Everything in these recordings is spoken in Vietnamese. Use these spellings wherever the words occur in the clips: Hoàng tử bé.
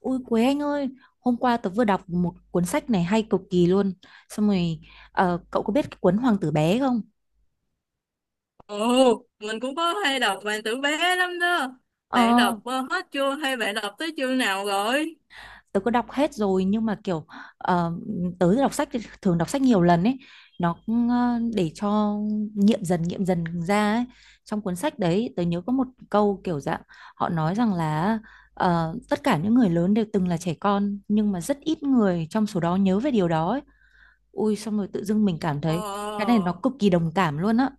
Ui Quế anh ơi, hôm qua tớ vừa đọc một cuốn sách này hay cực kỳ luôn. Xong rồi, cậu có biết cái cuốn Hoàng tử bé không? Ồ, mình cũng có hay đọc bạn tử bé lắm đó. Bạn Ờ, đọc hết chưa hay bạn đọc tới chương nào rồi? tớ có đọc hết rồi nhưng mà kiểu ờ, tớ đọc sách thì thường đọc sách nhiều lần ấy. Nó cũng, để cho nghiệm dần ra ấy. Trong cuốn sách đấy tớ nhớ có một câu kiểu dạng họ nói rằng là tất cả những người lớn đều từng là trẻ con nhưng mà rất ít người trong số đó nhớ về điều đó ấy. Ui xong rồi tự dưng mình cảm thấy cái này Ờ, nó cực kỳ đồng cảm luôn á.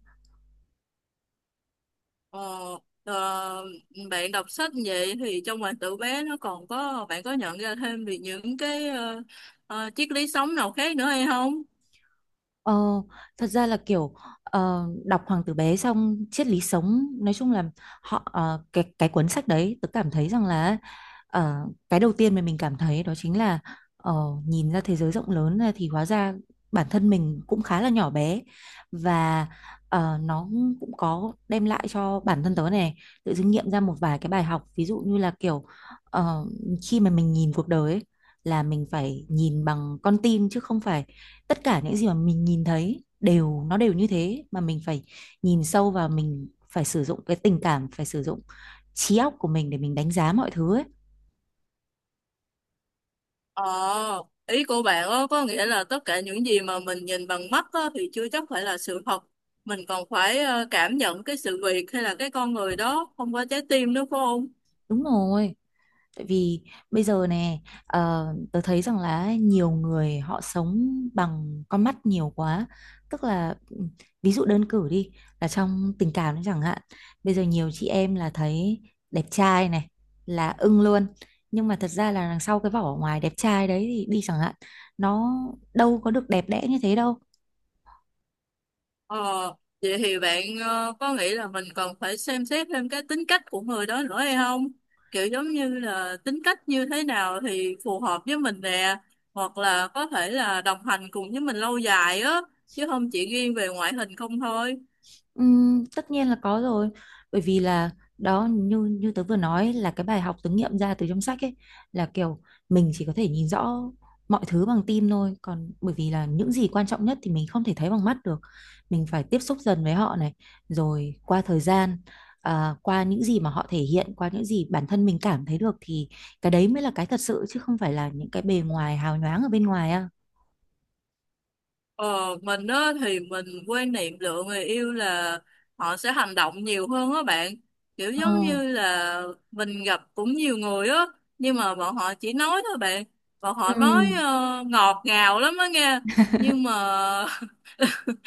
ờ, ờ, Bạn đọc sách vậy thì trong bạn tử bé nó còn có, bạn có nhận ra thêm về những cái triết lý sống nào khác nữa hay không? Ờ, thật ra là kiểu đọc Hoàng tử bé xong triết lý sống nói chung là họ cái cuốn sách đấy tớ cảm thấy rằng là ờ, cái đầu tiên mà mình cảm thấy đó chính là ờ, nhìn ra thế giới rộng lớn ra thì hóa ra bản thân mình cũng khá là nhỏ bé, và nó cũng có đem lại cho bản thân tớ này tự dưng nghiệm ra một vài cái bài học, ví dụ như là kiểu ờ, khi mà mình nhìn cuộc đời ấy, là mình phải nhìn bằng con tim, chứ không phải tất cả những gì mà mình nhìn thấy đều nó đều như thế, mà mình phải nhìn sâu vào, mình phải sử dụng cái tình cảm, phải sử dụng trí óc của mình để mình đánh giá mọi thứ ấy. Ờ, ý của bạn á, có nghĩa là tất cả những gì mà mình nhìn bằng mắt á, thì chưa chắc phải là sự thật. Mình còn phải cảm nhận cái sự việc hay là cái con người đó không có trái tim nữa phải không? Đúng rồi. Tại vì bây giờ nè, ờ, tớ thấy rằng là nhiều người họ sống bằng con mắt nhiều quá. Tức là ừ, ví dụ đơn cử đi, là trong tình cảm đấy chẳng hạn. Bây giờ nhiều chị em là thấy đẹp trai này là ưng luôn. Nhưng mà thật ra là đằng sau cái vỏ ngoài đẹp trai đấy thì đi chẳng hạn, nó đâu có được đẹp đẽ như thế đâu. Ờ, vậy thì bạn có nghĩ là mình cần phải xem xét thêm cái tính cách của người đó nữa hay không? Kiểu giống như là tính cách như thế nào thì phù hợp với mình nè, hoặc là có thể là đồng hành cùng với mình lâu dài á, chứ không chỉ riêng về ngoại hình không thôi. Tất nhiên là có rồi, bởi vì là đó, như như tớ vừa nói, là cái bài học tớ nghiệm ra từ trong sách ấy là kiểu mình chỉ có thể nhìn rõ mọi thứ bằng tim thôi, còn bởi vì là những gì quan trọng nhất thì mình không thể thấy bằng mắt được, mình phải tiếp xúc dần với họ này, rồi qua thời gian, à, qua những gì mà họ thể hiện, qua những gì bản thân mình cảm thấy được thì cái đấy mới là cái thật sự, chứ không phải là những cái bề ngoài hào nhoáng ở bên ngoài. À, Ờ, mình á thì mình quan niệm lựa người yêu là họ sẽ hành động nhiều hơn á bạn. Kiểu ờ. giống như là mình gặp cũng nhiều người á, nhưng mà bọn họ chỉ nói thôi bạn. Bọn Ừ. họ nói ngọt ngào lắm á nghe. Nhưng mà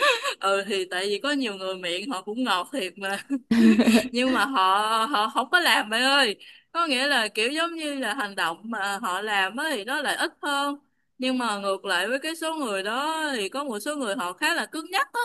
ừ thì tại vì có nhiều người miệng họ cũng ngọt thiệt mà, nhưng mà họ họ không có làm bạn ơi, có nghĩa là kiểu giống như là hành động mà họ làm á thì nó lại ít hơn. Nhưng mà ngược lại với cái số người đó thì có một số người họ khá là cứng nhắc á,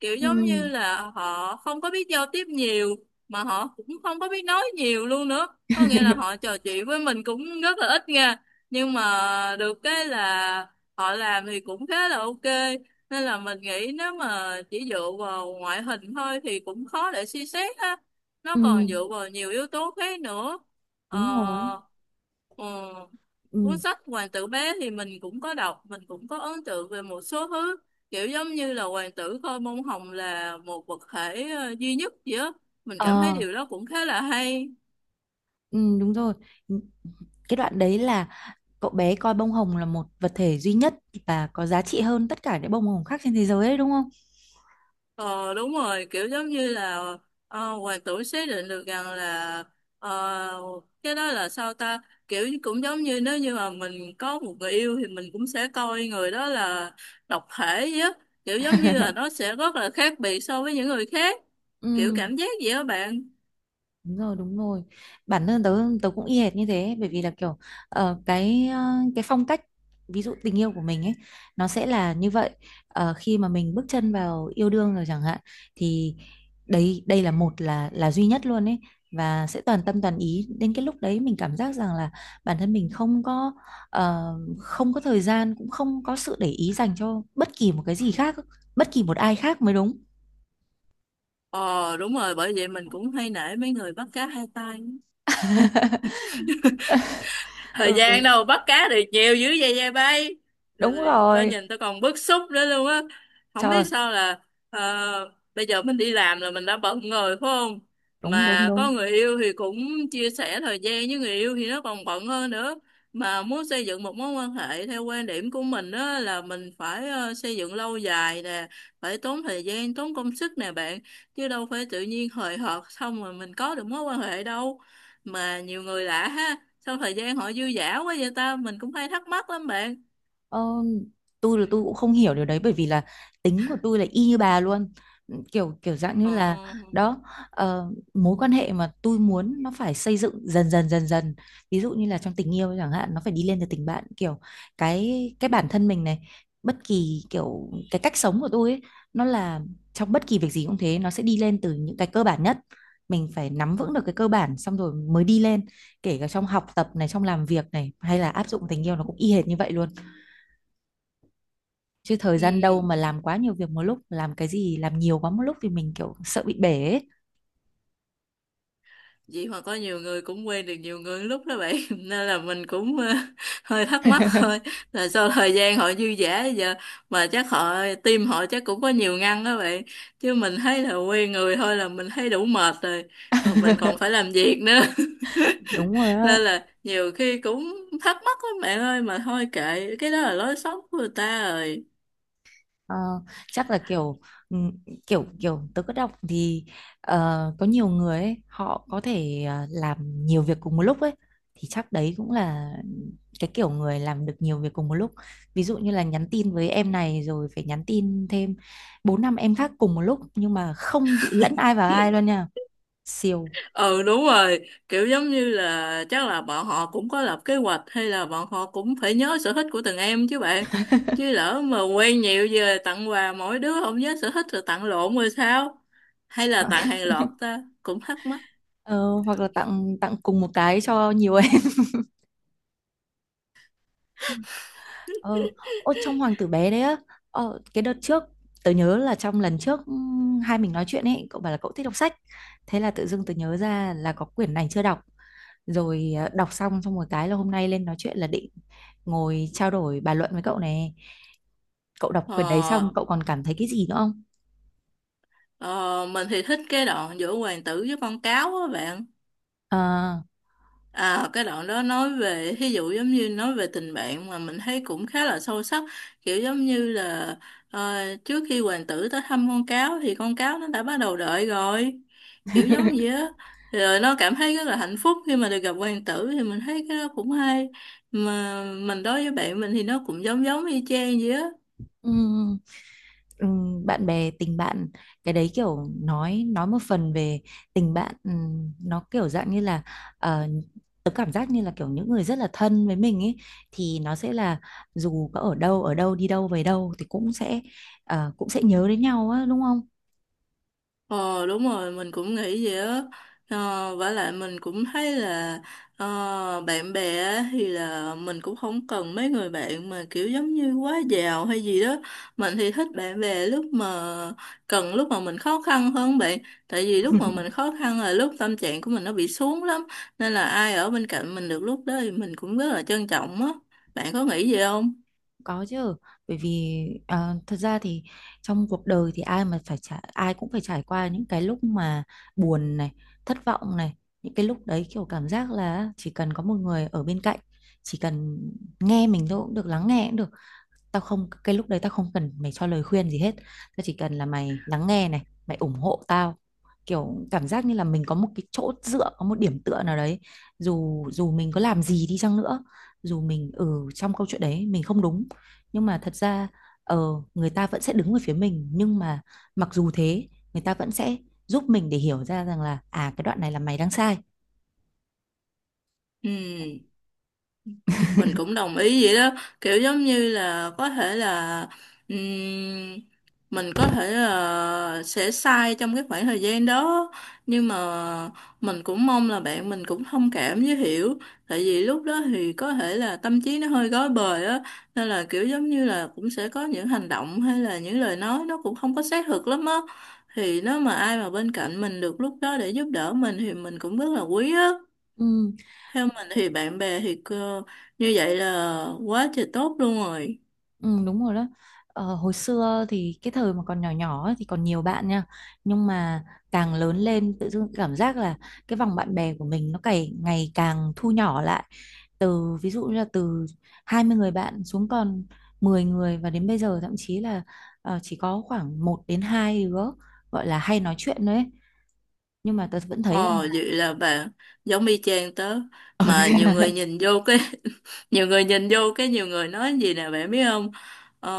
kiểu giống như Ừ. là họ không có biết giao tiếp nhiều, mà họ cũng không có biết nói nhiều luôn nữa, có nghĩa là họ trò chuyện với mình cũng rất là ít nha. Nhưng mà được cái là họ làm thì cũng khá là ok, nên là mình nghĩ nếu mà chỉ dựa vào ngoại hình thôi thì cũng khó để suy xét ha, nó Ừ, còn dựa vào nhiều yếu tố khác nữa. đúng rồi. ờ, ừ, Ừ. Cuốn sách Hoàng tử bé thì mình cũng có đọc, mình cũng có ấn tượng về một số thứ, kiểu giống như là hoàng tử coi bông hồng là một vật thể duy nhất gì á. Mình cảm thấy Ờ, điều đó cũng khá là hay. ừ, đúng rồi. Cái đoạn đấy là cậu bé coi bông hồng là một vật thể duy nhất và có giá trị hơn tất cả những bông hồng khác trên thế giới đấy, đúng không? Ờ đúng rồi, kiểu giống như là hoàng tử xác định được rằng là ờ, cái đó là sao ta, cũng giống như nếu như mà mình có một người yêu thì mình cũng sẽ coi người đó là độc thể vậy á, kiểu giống như là nó sẽ rất là khác biệt so với những người khác. Kiểu Ừ. cảm giác vậy đó bạn. Đúng rồi, đúng rồi. Bản thân tớ tớ cũng y hệt như thế, bởi vì là kiểu ờ, cái ờ, cái phong cách, ví dụ tình yêu của mình ấy, nó sẽ là như vậy. Ờ, khi mà mình bước chân vào yêu đương rồi chẳng hạn thì đấy, đây là một, là duy nhất luôn ấy, và sẽ toàn tâm toàn ý, đến cái lúc đấy mình cảm giác rằng là bản thân mình không có ờ, không có thời gian, cũng không có sự để ý dành cho bất kỳ một cái gì khác, bất kỳ một ai khác mới đúng. Ờ đúng rồi, bởi vậy mình cũng hay nể mấy người bắt cá hai tay. Thời Ừ, gian đâu bắt cá được nhiều dữ vậy dây bay. Rồi, đúng rồi tao rồi. nhìn tao còn bức xúc nữa luôn á, không biết Trời, sao là bây giờ mình đi làm là mình đã bận rồi phải không? đúng, đúng, Mà đúng. có người yêu thì cũng chia sẻ thời gian với người yêu thì nó còn bận hơn nữa. Mà muốn xây dựng một mối quan hệ theo quan điểm của mình đó là mình phải xây dựng lâu dài nè, phải tốn thời gian tốn công sức nè bạn, chứ đâu phải tự nhiên hời hợt xong rồi mình có được mối quan hệ đâu. Mà nhiều người lạ ha, sau thời gian họ dư dả quá vậy ta, mình cũng hay thắc mắc lắm bạn. Ờ, tôi là tôi cũng không hiểu điều đấy, bởi vì là tính của tôi là y như bà luôn, kiểu kiểu dạng như ờ là, đó, mối quan hệ mà tôi muốn nó phải xây dựng dần dần dần dần, ví dụ như là trong tình yêu chẳng hạn, nó phải đi lên từ tình bạn, kiểu cái bản thân mình này, bất kỳ kiểu cái cách sống của tôi ấy, nó là trong bất kỳ việc gì cũng thế, nó sẽ đi lên từ những cái cơ bản nhất, mình phải nắm vững được cái cơ bản xong rồi mới đi lên, kể cả trong học tập này, trong làm việc này, hay là áp dụng tình yêu, nó cũng y hệt như vậy luôn, chứ thời gian đâu ừ mà làm quá nhiều việc một lúc, làm cái gì làm nhiều quá một lúc thì mình kiểu sợ bị bể ấy. Vậy mà có nhiều người cũng quen được nhiều người lúc đó bạn nên là mình cũng hơi thắc mắc thôi, là sau thời gian họ dư dả bây giờ. Mà chắc họ tim họ chắc cũng có nhiều ngăn đó bạn, chứ mình thấy là quen người thôi là mình thấy đủ mệt rồi, mà Đúng mình rồi. còn phải làm việc nữa Á. nên là nhiều khi cũng thắc mắc lắm bạn ơi, mà thôi kệ cái đó là lối sống của người ta rồi. Ờ, chắc là kiểu ừ, kiểu kiểu tớ có đọc thì có nhiều người ấy, họ có thể làm nhiều việc cùng một lúc ấy, thì chắc đấy cũng là cái kiểu người làm được nhiều việc cùng một lúc, ví dụ như là nhắn tin với em này rồi phải nhắn tin thêm 4 5 em khác cùng một lúc, nhưng mà không bị lẫn ai vào ai luôn nha, siêu. Ừ đúng rồi, kiểu giống như là chắc là bọn họ cũng có lập kế hoạch, hay là bọn họ cũng phải nhớ sở thích của từng em chứ bạn, chứ lỡ mà quen nhiều về tặng quà mỗi đứa không nhớ sở thích rồi tặng lộn rồi sao, hay là tặng hàng loạt ta cũng thắc mắc. Ờ, hoặc là tặng tặng cùng một cái cho nhiều em. ờ Ô, trong hoàng tử bé đấy á, cái đợt trước tớ nhớ là, trong lần trước hai mình nói chuyện ấy, cậu bảo là cậu thích đọc sách, thế là tự dưng tớ nhớ ra là có quyển này chưa đọc, rồi đọc xong xong một cái là hôm nay lên nói chuyện là định ngồi trao đổi bàn luận với cậu này, cậu đọc quyển đấy ờ, xong cậu còn cảm thấy cái gì nữa không? ờ mình thì thích cái đoạn giữa hoàng tử với con cáo á bạn. À. À, cái đoạn đó nói về ví dụ giống như nói về tình bạn, mà mình thấy cũng khá là sâu sắc, kiểu giống như là ờ, trước khi hoàng tử tới thăm con cáo thì con cáo nó đã bắt đầu đợi rồi, kiểu giống vậy á, rồi nó cảm thấy rất là hạnh phúc khi mà được gặp hoàng tử, thì mình thấy cái đó cũng hay. Mà mình đối với bạn mình thì nó cũng giống giống y chang vậy á. Ừ, bạn bè, tình bạn, cái đấy kiểu nói một phần về tình bạn, ừ, nó kiểu dạng như là ờ, tớ cảm giác như là kiểu những người rất là thân với mình ấy, thì nó sẽ là dù có ở đâu ở đâu, đi đâu về đâu thì cũng sẽ cũng sẽ nhớ đến nhau á, đúng không? Ờ đúng rồi, mình cũng nghĩ vậy á. Vả lại mình cũng thấy là bạn bè á thì là mình cũng không cần mấy người bạn mà kiểu giống như quá giàu hay gì đó. Mình thì thích bạn bè lúc mà cần, lúc mà mình khó khăn hơn bạn, tại vì lúc mà mình khó khăn là lúc tâm trạng của mình nó bị xuống lắm, nên là ai ở bên cạnh mình được lúc đó thì mình cũng rất là trân trọng á. Bạn có nghĩ vậy không? Có chứ, bởi vì à, thật ra thì trong cuộc đời thì ai cũng phải trải qua những cái lúc mà buồn này, thất vọng này, những cái lúc đấy kiểu cảm giác là chỉ cần có một người ở bên cạnh, chỉ cần nghe mình thôi cũng được, lắng nghe cũng được. Tao không Cái lúc đấy tao không cần mày cho lời khuyên gì hết. Tao chỉ cần là mày lắng nghe này, mày ủng hộ tao. Kiểu cảm giác như là mình có một cái chỗ dựa, có một điểm tựa nào đấy. Dù dù mình có làm gì đi chăng nữa, dù mình ở trong câu chuyện đấy mình không đúng, nhưng mà thật ra ờ, người ta vẫn sẽ đứng về phía mình, nhưng mà mặc dù thế người ta vẫn sẽ giúp mình để hiểu ra rằng là à, cái đoạn này là mày đang sai. Ừ, mình cũng đồng ý vậy đó, kiểu giống như là có thể là ừm, mình có thể là sẽ sai trong cái khoảng thời gian đó, nhưng mà mình cũng mong là bạn mình cũng thông cảm với hiểu, tại vì lúc đó thì có thể là tâm trí nó hơi rối bời á, nên là kiểu giống như là cũng sẽ có những hành động hay là những lời nói nó cũng không có xác thực lắm á. Thì nếu mà ai mà bên cạnh mình được lúc đó để giúp đỡ mình thì mình cũng rất là quý á. Ừ. Theo mình thì bạn bè thì cơ, như vậy là quá trời tốt luôn rồi. Ừ, đúng rồi đó. Ờ, hồi xưa thì cái thời mà còn nhỏ nhỏ ấy thì còn nhiều bạn nha. Nhưng mà càng lớn lên tự dưng cảm giác là cái vòng bạn bè của mình nó ngày ngày càng thu nhỏ lại. Từ ví dụ như là từ 20 người bạn xuống còn 10 người, và đến bây giờ thậm chí là chỉ có khoảng 1 đến 2 đứa gọi là hay nói chuyện đấy. Nhưng mà tớ vẫn thấy Ồ rằng là, vậy là bạn giống y chang tớ. Ờ Mà thế nhiều à? người nhìn vô cái, nhiều người nhìn vô cái, nhiều người nói gì nè bạn biết không? Ờ,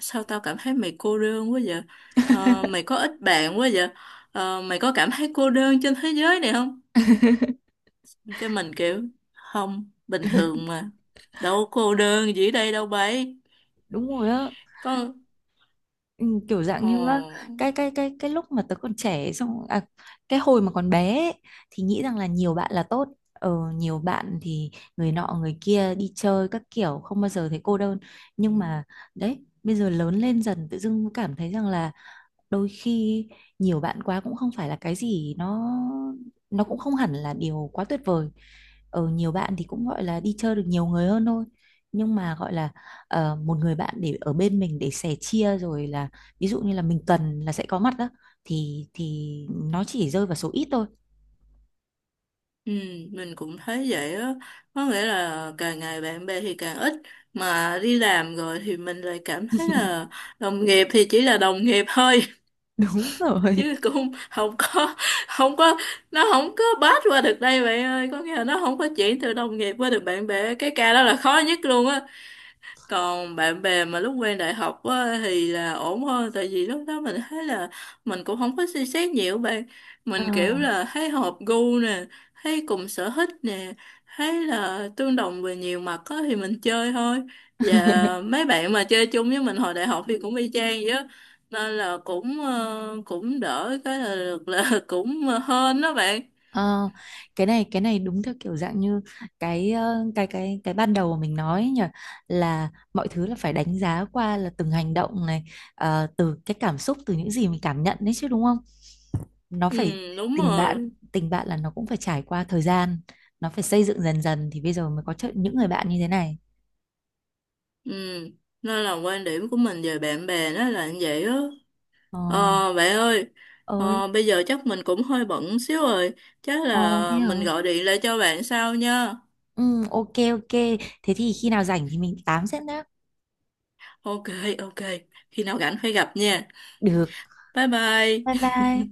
sao tao cảm thấy mày cô đơn quá vậy? Ờ, mày có ít bạn quá vậy? Ờ, mày có cảm thấy cô đơn trên thế giới này không? Cái mình kiểu, không, bình thường mà. Đâu có cô đơn gì ở đây đâu bấy. đúng rồi á. Có, Ừ, kiểu dạng ờ. như á, cái lúc mà tớ còn trẻ xong à, cái hồi mà còn bé ấy, thì nghĩ rằng là nhiều bạn là tốt, nhiều bạn thì người nọ người kia đi chơi các kiểu, không bao giờ thấy cô đơn. Nhưng mà đấy, bây giờ lớn lên dần tự dưng cảm thấy rằng là đôi khi nhiều bạn quá cũng không phải là cái gì, nó cũng không hẳn là điều quá tuyệt vời, ở nhiều bạn thì cũng gọi là đi chơi được nhiều người hơn thôi, nhưng mà gọi là một người bạn để ở bên mình để sẻ chia rồi là, ví dụ như là mình cần là sẽ có mặt đó, thì nó chỉ rơi vào số ít thôi. Ừ, mình cũng thấy vậy á, có nghĩa là càng ngày bạn bè thì càng ít, mà đi làm rồi thì mình lại cảm thấy là đồng nghiệp thì chỉ là đồng nghiệp thôi Đúng rồi. chứ cũng không có, không có, nó không có pass qua được đây bạn ơi, có nghĩa là nó không có chuyển từ đồng nghiệp qua được bạn bè, cái ca đó là khó nhất luôn á. Còn bạn bè mà lúc quen đại học á, thì là ổn hơn, tại vì lúc đó mình thấy là mình cũng không có suy xét nhiều bạn, Ờ. mình kiểu là thấy hợp gu nè, thấy cùng sở thích nè, thấy là tương đồng về nhiều mặt á, thì mình chơi thôi. Và mấy bạn mà chơi chung với mình hồi đại học thì cũng y chang vậy á, nên là cũng cũng đỡ cái là được là cũng hên đó bạn. Ờ, cái này đúng theo kiểu dạng như cái cái ban đầu mà mình nói ấy nhỉ, là mọi thứ là phải đánh giá qua là từng hành động này, từ cái cảm xúc, từ những gì mình cảm nhận đấy chứ, đúng không? Nó Ừ phải, đúng tình bạn rồi, tình bạn là nó cũng phải trải qua thời gian, nó phải xây dựng dần dần, thì bây giờ mới có những người bạn như thế này. ừ nên là quan điểm của mình về bạn bè nó là như vậy á. Ờ, Ờ, bạn ơi, ơi, bây giờ chắc mình cũng hơi bận xíu rồi, chắc ờ thế là mình hả? gọi điện lại cho bạn sau nha. Ừ, ok, ok. Thế thì khi nào rảnh thì mình tám sẽ nhá. Ok, ok, khi nào rảnh phải gặp nha. Được. Bye Bye bye. bye.